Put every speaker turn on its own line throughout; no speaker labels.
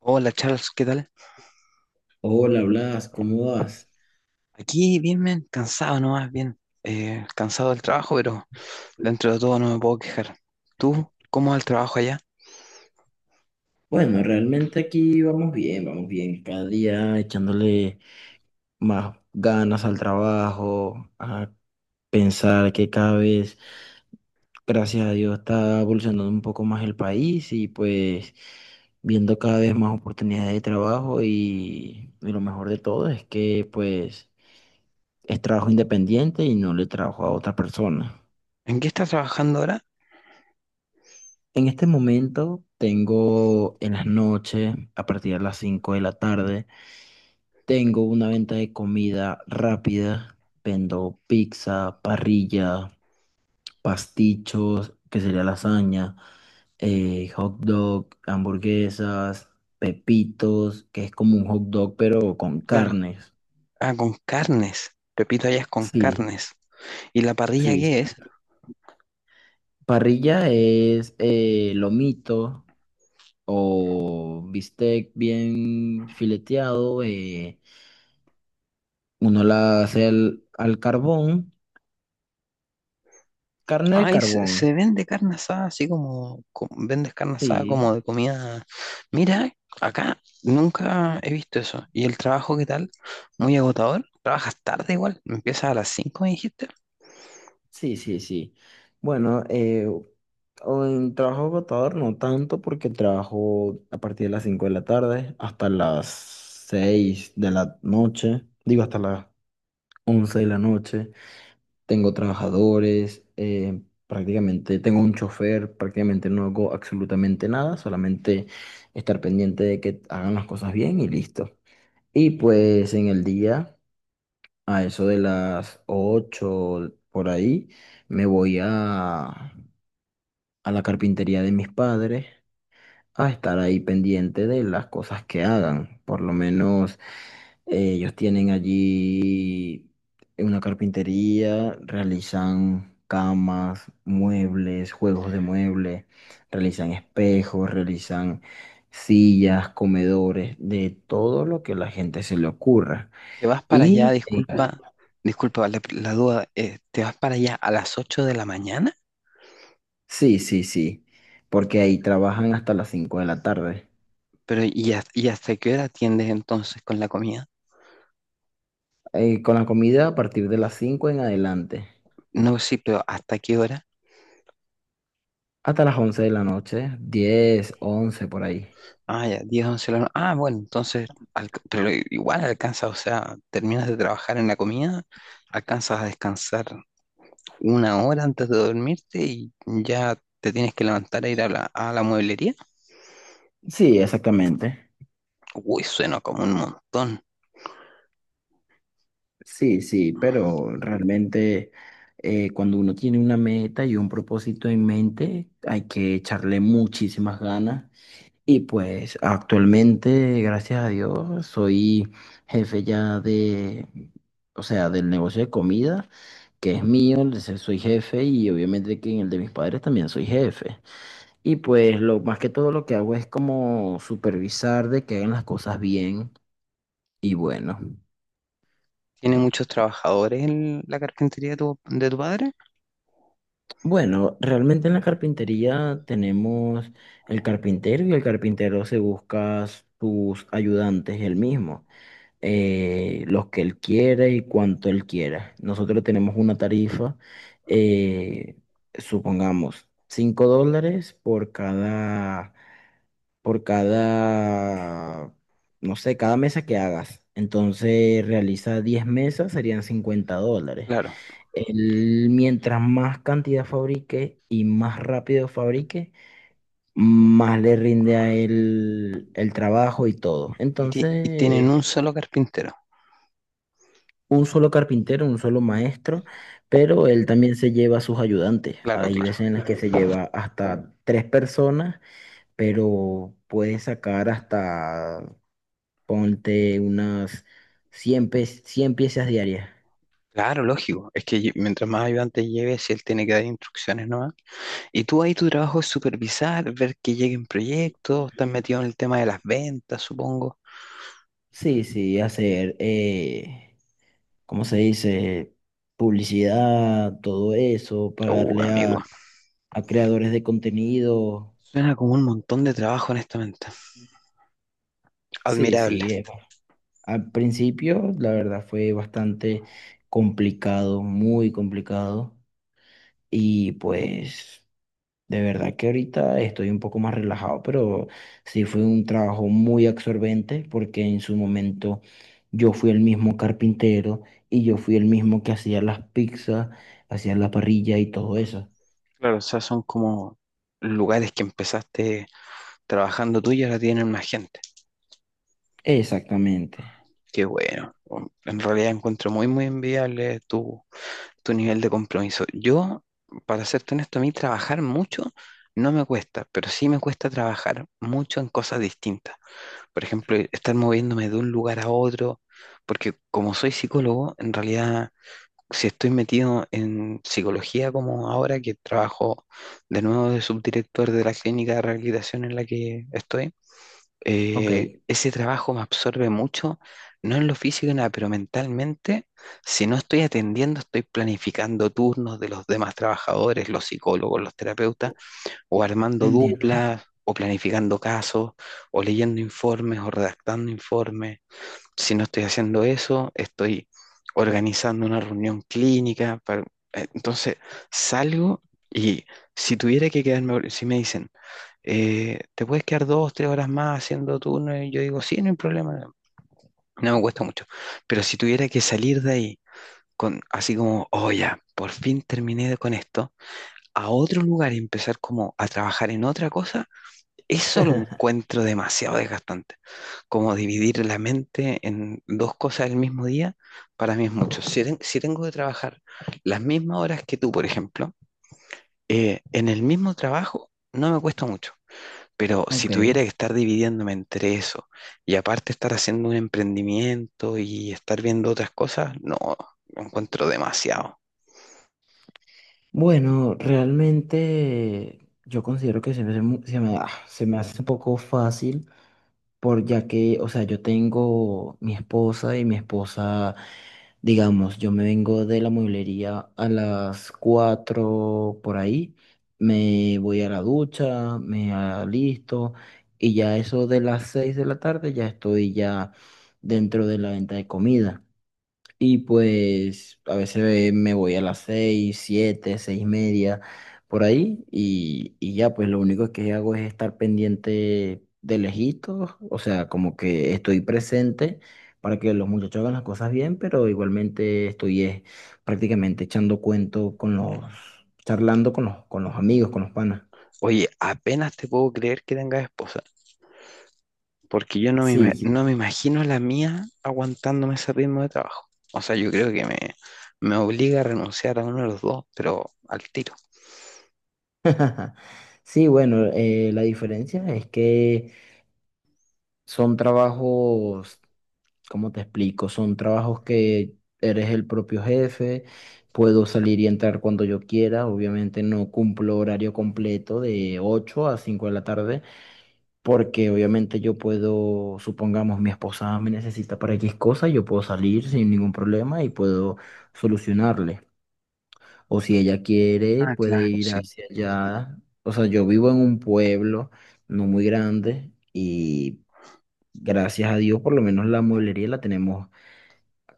Hola Charles, ¿qué tal?
Hola Blas, ¿cómo vas?
Aquí bien, men, cansado nomás, bien. Cansado del trabajo, pero dentro de todo no me puedo quejar. ¿Tú cómo va el trabajo allá?
Bueno, realmente aquí vamos bien, vamos bien. Cada día echándole más ganas al trabajo, a pensar que cada vez, gracias a Dios, está evolucionando un poco más el país y pues viendo cada vez más oportunidades de trabajo y lo mejor de todo es que pues es trabajo independiente y no le trabajo a otra persona.
¿En qué estás trabajando ahora?
En este momento tengo en las noches, a partir de las 5 de la tarde, tengo una venta de comida rápida. Vendo pizza, parrilla, pastichos, que sería lasaña, hot dog, hamburguesas, pepitos, que es como un hot dog pero con
Claro.
carnes.
Ah, con carnes. Repito, allá es con
Sí,
carnes. ¿Y la parrilla
sí, sí.
qué es?
Parrilla es lomito o bistec bien fileteado. Uno la hace al carbón, carne al
Ay, se,
carbón.
se vende carne asada, así vendes carne asada
Sí,
como de comida. Mira, acá nunca he visto eso. ¿Y el trabajo qué tal? Muy agotador. ¿Trabajas tarde igual? ¿Empiezas a las 5, me dijiste?
sí, sí, sí. Bueno, o en trabajo agotador no tanto porque trabajo a partir de las 5 de la tarde hasta las 6 de la noche, digo hasta las 11 de la noche. Tengo trabajadores, prácticamente tengo un chofer, prácticamente no hago absolutamente nada, solamente estar pendiente de que hagan las cosas bien y listo. Y pues en el día, a eso de las 8 por ahí, me voy a la carpintería de mis padres a estar ahí pendiente de las cosas que hagan. Por lo menos ellos tienen allí una carpintería, realizan camas, muebles, juegos de muebles, realizan espejos, realizan sillas, comedores, de todo lo que a la gente se le ocurra.
Te vas para allá,
Claro.
disculpa la duda, te vas para allá a las 8 de la mañana,
Sí, sí, sí, porque ahí trabajan hasta las 5 de la tarde.
pero ¿y hasta qué hora atiendes entonces con la comida?
Con la comida a partir de las 5 en adelante,
No, sí, pero ¿hasta qué hora?
hasta las 11 de la noche, 10, 11 por ahí.
Ah, ya, 10, 11 de la noche. Ah, bueno, entonces, pero igual alcanzas, o sea, terminas de trabajar en la comida, alcanzas a descansar una hora antes de dormirte y ya te tienes que levantar a ir a la mueblería.
Sí, exactamente.
Uy, suena como un montón.
Sí, sí, pero realmente cuando uno tiene una meta y un propósito en mente, hay que echarle muchísimas ganas. Y pues actualmente, gracias a Dios, soy jefe ya de, o sea, del negocio de comida, que es mío, entonces soy jefe y obviamente que en el de mis padres también soy jefe. Y pues lo más que todo lo que hago es como supervisar de que hagan las cosas bien y bueno.
¿Tiene muchos trabajadores en la carpintería de tu padre?
Bueno, realmente en la carpintería tenemos el carpintero y el carpintero se busca sus ayudantes él mismo, los que él quiere y cuanto él quiera. Nosotros tenemos una tarifa, eh, supongamos, $5 por cada por cada, no sé, cada mesa que hagas. Entonces realiza 10 mesas, serían $50.
Claro.
Él, mientras más cantidad fabrique y más rápido fabrique, más le rinde a él el trabajo y todo.
Y
Entonces,
tienen un solo carpintero.
un solo carpintero, un solo maestro, pero él también se lleva a sus ayudantes.
Claro,
Hay
claro.
veces en las que se lleva hasta 3 personas, pero puede sacar hasta, ponte, unas 100 piezas diarias.
Claro, lógico. Es que mientras más ayudantes lleves, si él tiene que dar instrucciones nomás. Y tú ahí tu trabajo es supervisar, ver que lleguen proyectos, estás metido en el tema de las ventas, supongo.
Sí, sí, hacer, ¿cómo se dice? Publicidad, todo eso, pagarle
Amigo.
a creadores de contenido.
Suena como un montón de trabajo, honestamente.
Sí,
Admirable.
sí. Al principio, la verdad, fue bastante complicado, muy complicado. Y pues, de verdad que ahorita estoy un poco más relajado, pero sí fue un trabajo muy absorbente porque en su momento yo fui el mismo carpintero y yo fui el mismo que hacía las pizzas, hacía la parrilla y todo eso.
Claro, o sea, son como lugares que empezaste trabajando tú y ahora tienen más gente.
Exactamente.
Qué bueno. En realidad encuentro muy, muy enviable tu nivel de compromiso. Yo, para serte honesto, a mí trabajar mucho no me cuesta, pero sí me cuesta trabajar mucho en cosas distintas. Por ejemplo, estar moviéndome de un lugar a otro, porque como soy psicólogo, en realidad, si estoy metido en psicología como ahora que trabajo de nuevo de subdirector de la clínica de rehabilitación en la que estoy,
Ok,
ese trabajo me absorbe mucho, no en lo físico, y nada, pero mentalmente, si no estoy atendiendo, estoy planificando turnos de los demás trabajadores, los psicólogos, los terapeutas, o armando
entiendo.
duplas, o planificando casos, o leyendo informes, o redactando informes. Si no estoy haciendo eso, estoy organizando una reunión clínica. Entonces, salgo y si tuviera que quedarme, si me dicen, te puedes quedar dos, tres horas más haciendo turno y yo digo, sí, no hay problema, no, no me cuesta mucho. Pero si tuviera que salir de ahí con así como, oh ya, por fin terminé con esto, a otro lugar y empezar como a trabajar en otra cosa, eso lo encuentro demasiado desgastante. Como dividir la mente en dos cosas el mismo día, para mí es mucho. Si tengo que trabajar las mismas horas que tú, por ejemplo, en el mismo trabajo, no me cuesta mucho pero si
Ok.
tuviera que estar dividiéndome entre eso y aparte estar haciendo un emprendimiento y estar viendo otras cosas, no, lo encuentro demasiado.
Bueno, realmente yo considero que se me, hace mu- se me, ah, se me hace un poco fácil, por ya que, o sea, yo tengo mi esposa y mi esposa. Digamos, yo me vengo de la mueblería a las 4 por ahí, me voy a la ducha, me alisto y ya eso de las 6 de la tarde ya estoy ya dentro de la venta de comida. Y pues a veces me voy a las 6, 7, 6:30, por ahí, y ya, pues lo único que hago es estar pendiente de lejitos, o sea, como que estoy presente para que los muchachos hagan las cosas bien, pero igualmente estoy prácticamente echando cuento charlando con los amigos, con los panas.
Oye, apenas te puedo creer que tengas esposa, porque yo no me,
Sí,
ima-
sí.
no me imagino la mía aguantándome ese ritmo de trabajo. O sea, yo creo que me obliga a renunciar a uno de los dos, pero al tiro.
Sí, bueno, la diferencia es que son trabajos. ¿Cómo te explico? Son trabajos que eres el propio jefe, puedo salir y entrar cuando yo quiera, obviamente no cumplo horario completo de 8 a 5 de la tarde, porque obviamente yo puedo, supongamos mi esposa me necesita para X cosa, yo puedo salir sin ningún problema y puedo solucionarle. O si ella quiere,
Ah,
puede
claro,
ir
sí.
hacia allá. O sea, yo vivo en un pueblo no muy grande y gracias a Dios por lo menos la mueblería la tenemos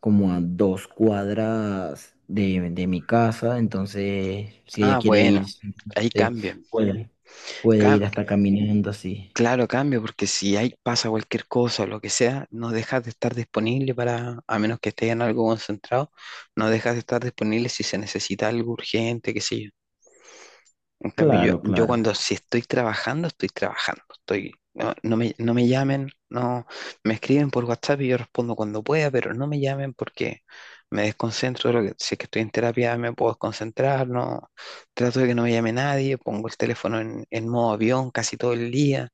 como a 2 cuadras de mi casa, entonces si
Ah,
ella quiere
bueno,
ir,
ahí
simplemente
cambia.
puede, puede ir hasta caminando así.
Claro, cambio, porque si hay, pasa cualquier cosa o lo que sea, no dejas de estar disponible para, a menos que estés en algo concentrado, no dejas de estar disponible si se necesita algo urgente, qué sé yo. En cambio,
Claro,
yo
claro,
cuando si estoy trabajando, estoy trabajando. Estoy, no, no me, no me llamen, no me escriben por WhatsApp y yo respondo cuando pueda, pero no me llamen porque me desconcentro. Si es que estoy en terapia, me puedo desconcentrar, no trato de que no me llame nadie, pongo el teléfono en modo avión casi todo el día,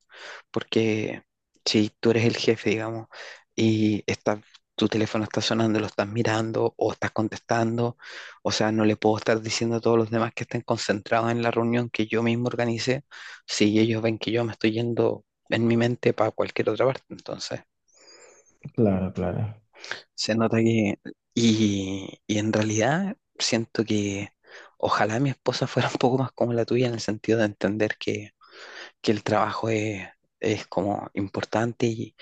porque si tú eres el jefe, digamos, y está, tu teléfono está sonando, lo estás mirando o estás contestando, o sea, no le puedo estar diciendo a todos los demás que estén concentrados en la reunión que yo mismo organicé, si ellos ven que yo me estoy yendo en mi mente para cualquier otra parte. Entonces,
claro, claro.
se nota que... Y en realidad siento que ojalá mi esposa fuera un poco más como la tuya en el sentido de entender que, el trabajo es como importante y,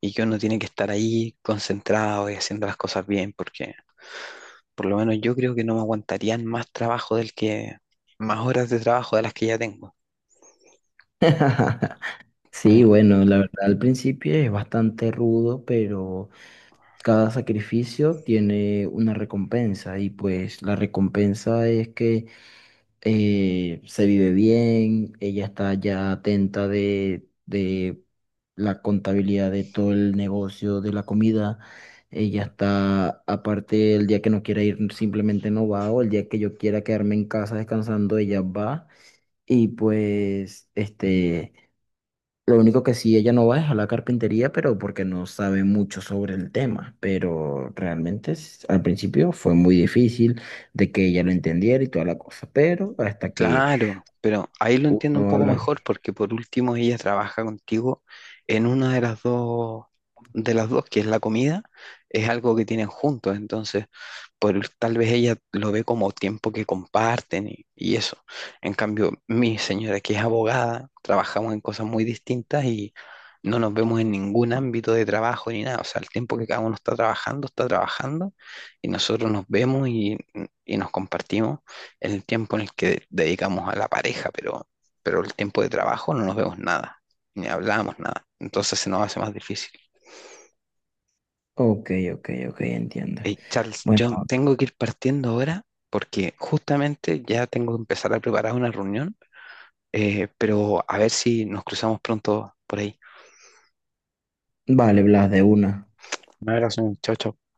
y que uno tiene que estar ahí concentrado y haciendo las cosas bien, porque por lo menos yo creo que no me aguantarían más trabajo más horas de trabajo de las que ya tengo.
Sí,
Eh,
bueno, la verdad al principio es bastante rudo, pero cada sacrificio tiene una recompensa y pues la recompensa es que se vive bien, ella está ya atenta de la contabilidad de todo el negocio de la comida, ella está, aparte, el día que no quiera ir simplemente no va, o el día que yo quiera quedarme en casa descansando, ella va, y pues, este, lo único que sí ella no va es a la carpintería, pero porque no sabe mucho sobre el tema, pero realmente al principio fue muy difícil de que ella lo entendiera y toda la cosa, pero hasta que
claro, pero ahí lo entiendo un poco
Hola.
mejor porque por último ella trabaja contigo en una de las dos, que es la comida, es algo que tienen juntos, entonces tal vez ella lo ve como tiempo que comparten y eso. En cambio, mi señora, que es abogada, trabajamos en cosas muy distintas y no nos vemos en ningún ámbito de trabajo ni nada. O sea, el tiempo que cada uno está trabajando y nosotros nos vemos y nos compartimos el tiempo en el que dedicamos a la pareja, pero el tiempo de trabajo no nos vemos nada, ni hablamos nada. Entonces se nos hace más difícil.
Ok, ok, ok, entiendo.
Hey, Charles,
Bueno,
yo tengo que ir partiendo ahora porque justamente ya tengo que empezar a preparar una reunión, pero a ver si nos cruzamos pronto por ahí.
vale, Blas, de una.
Un abrazo, chao, chao.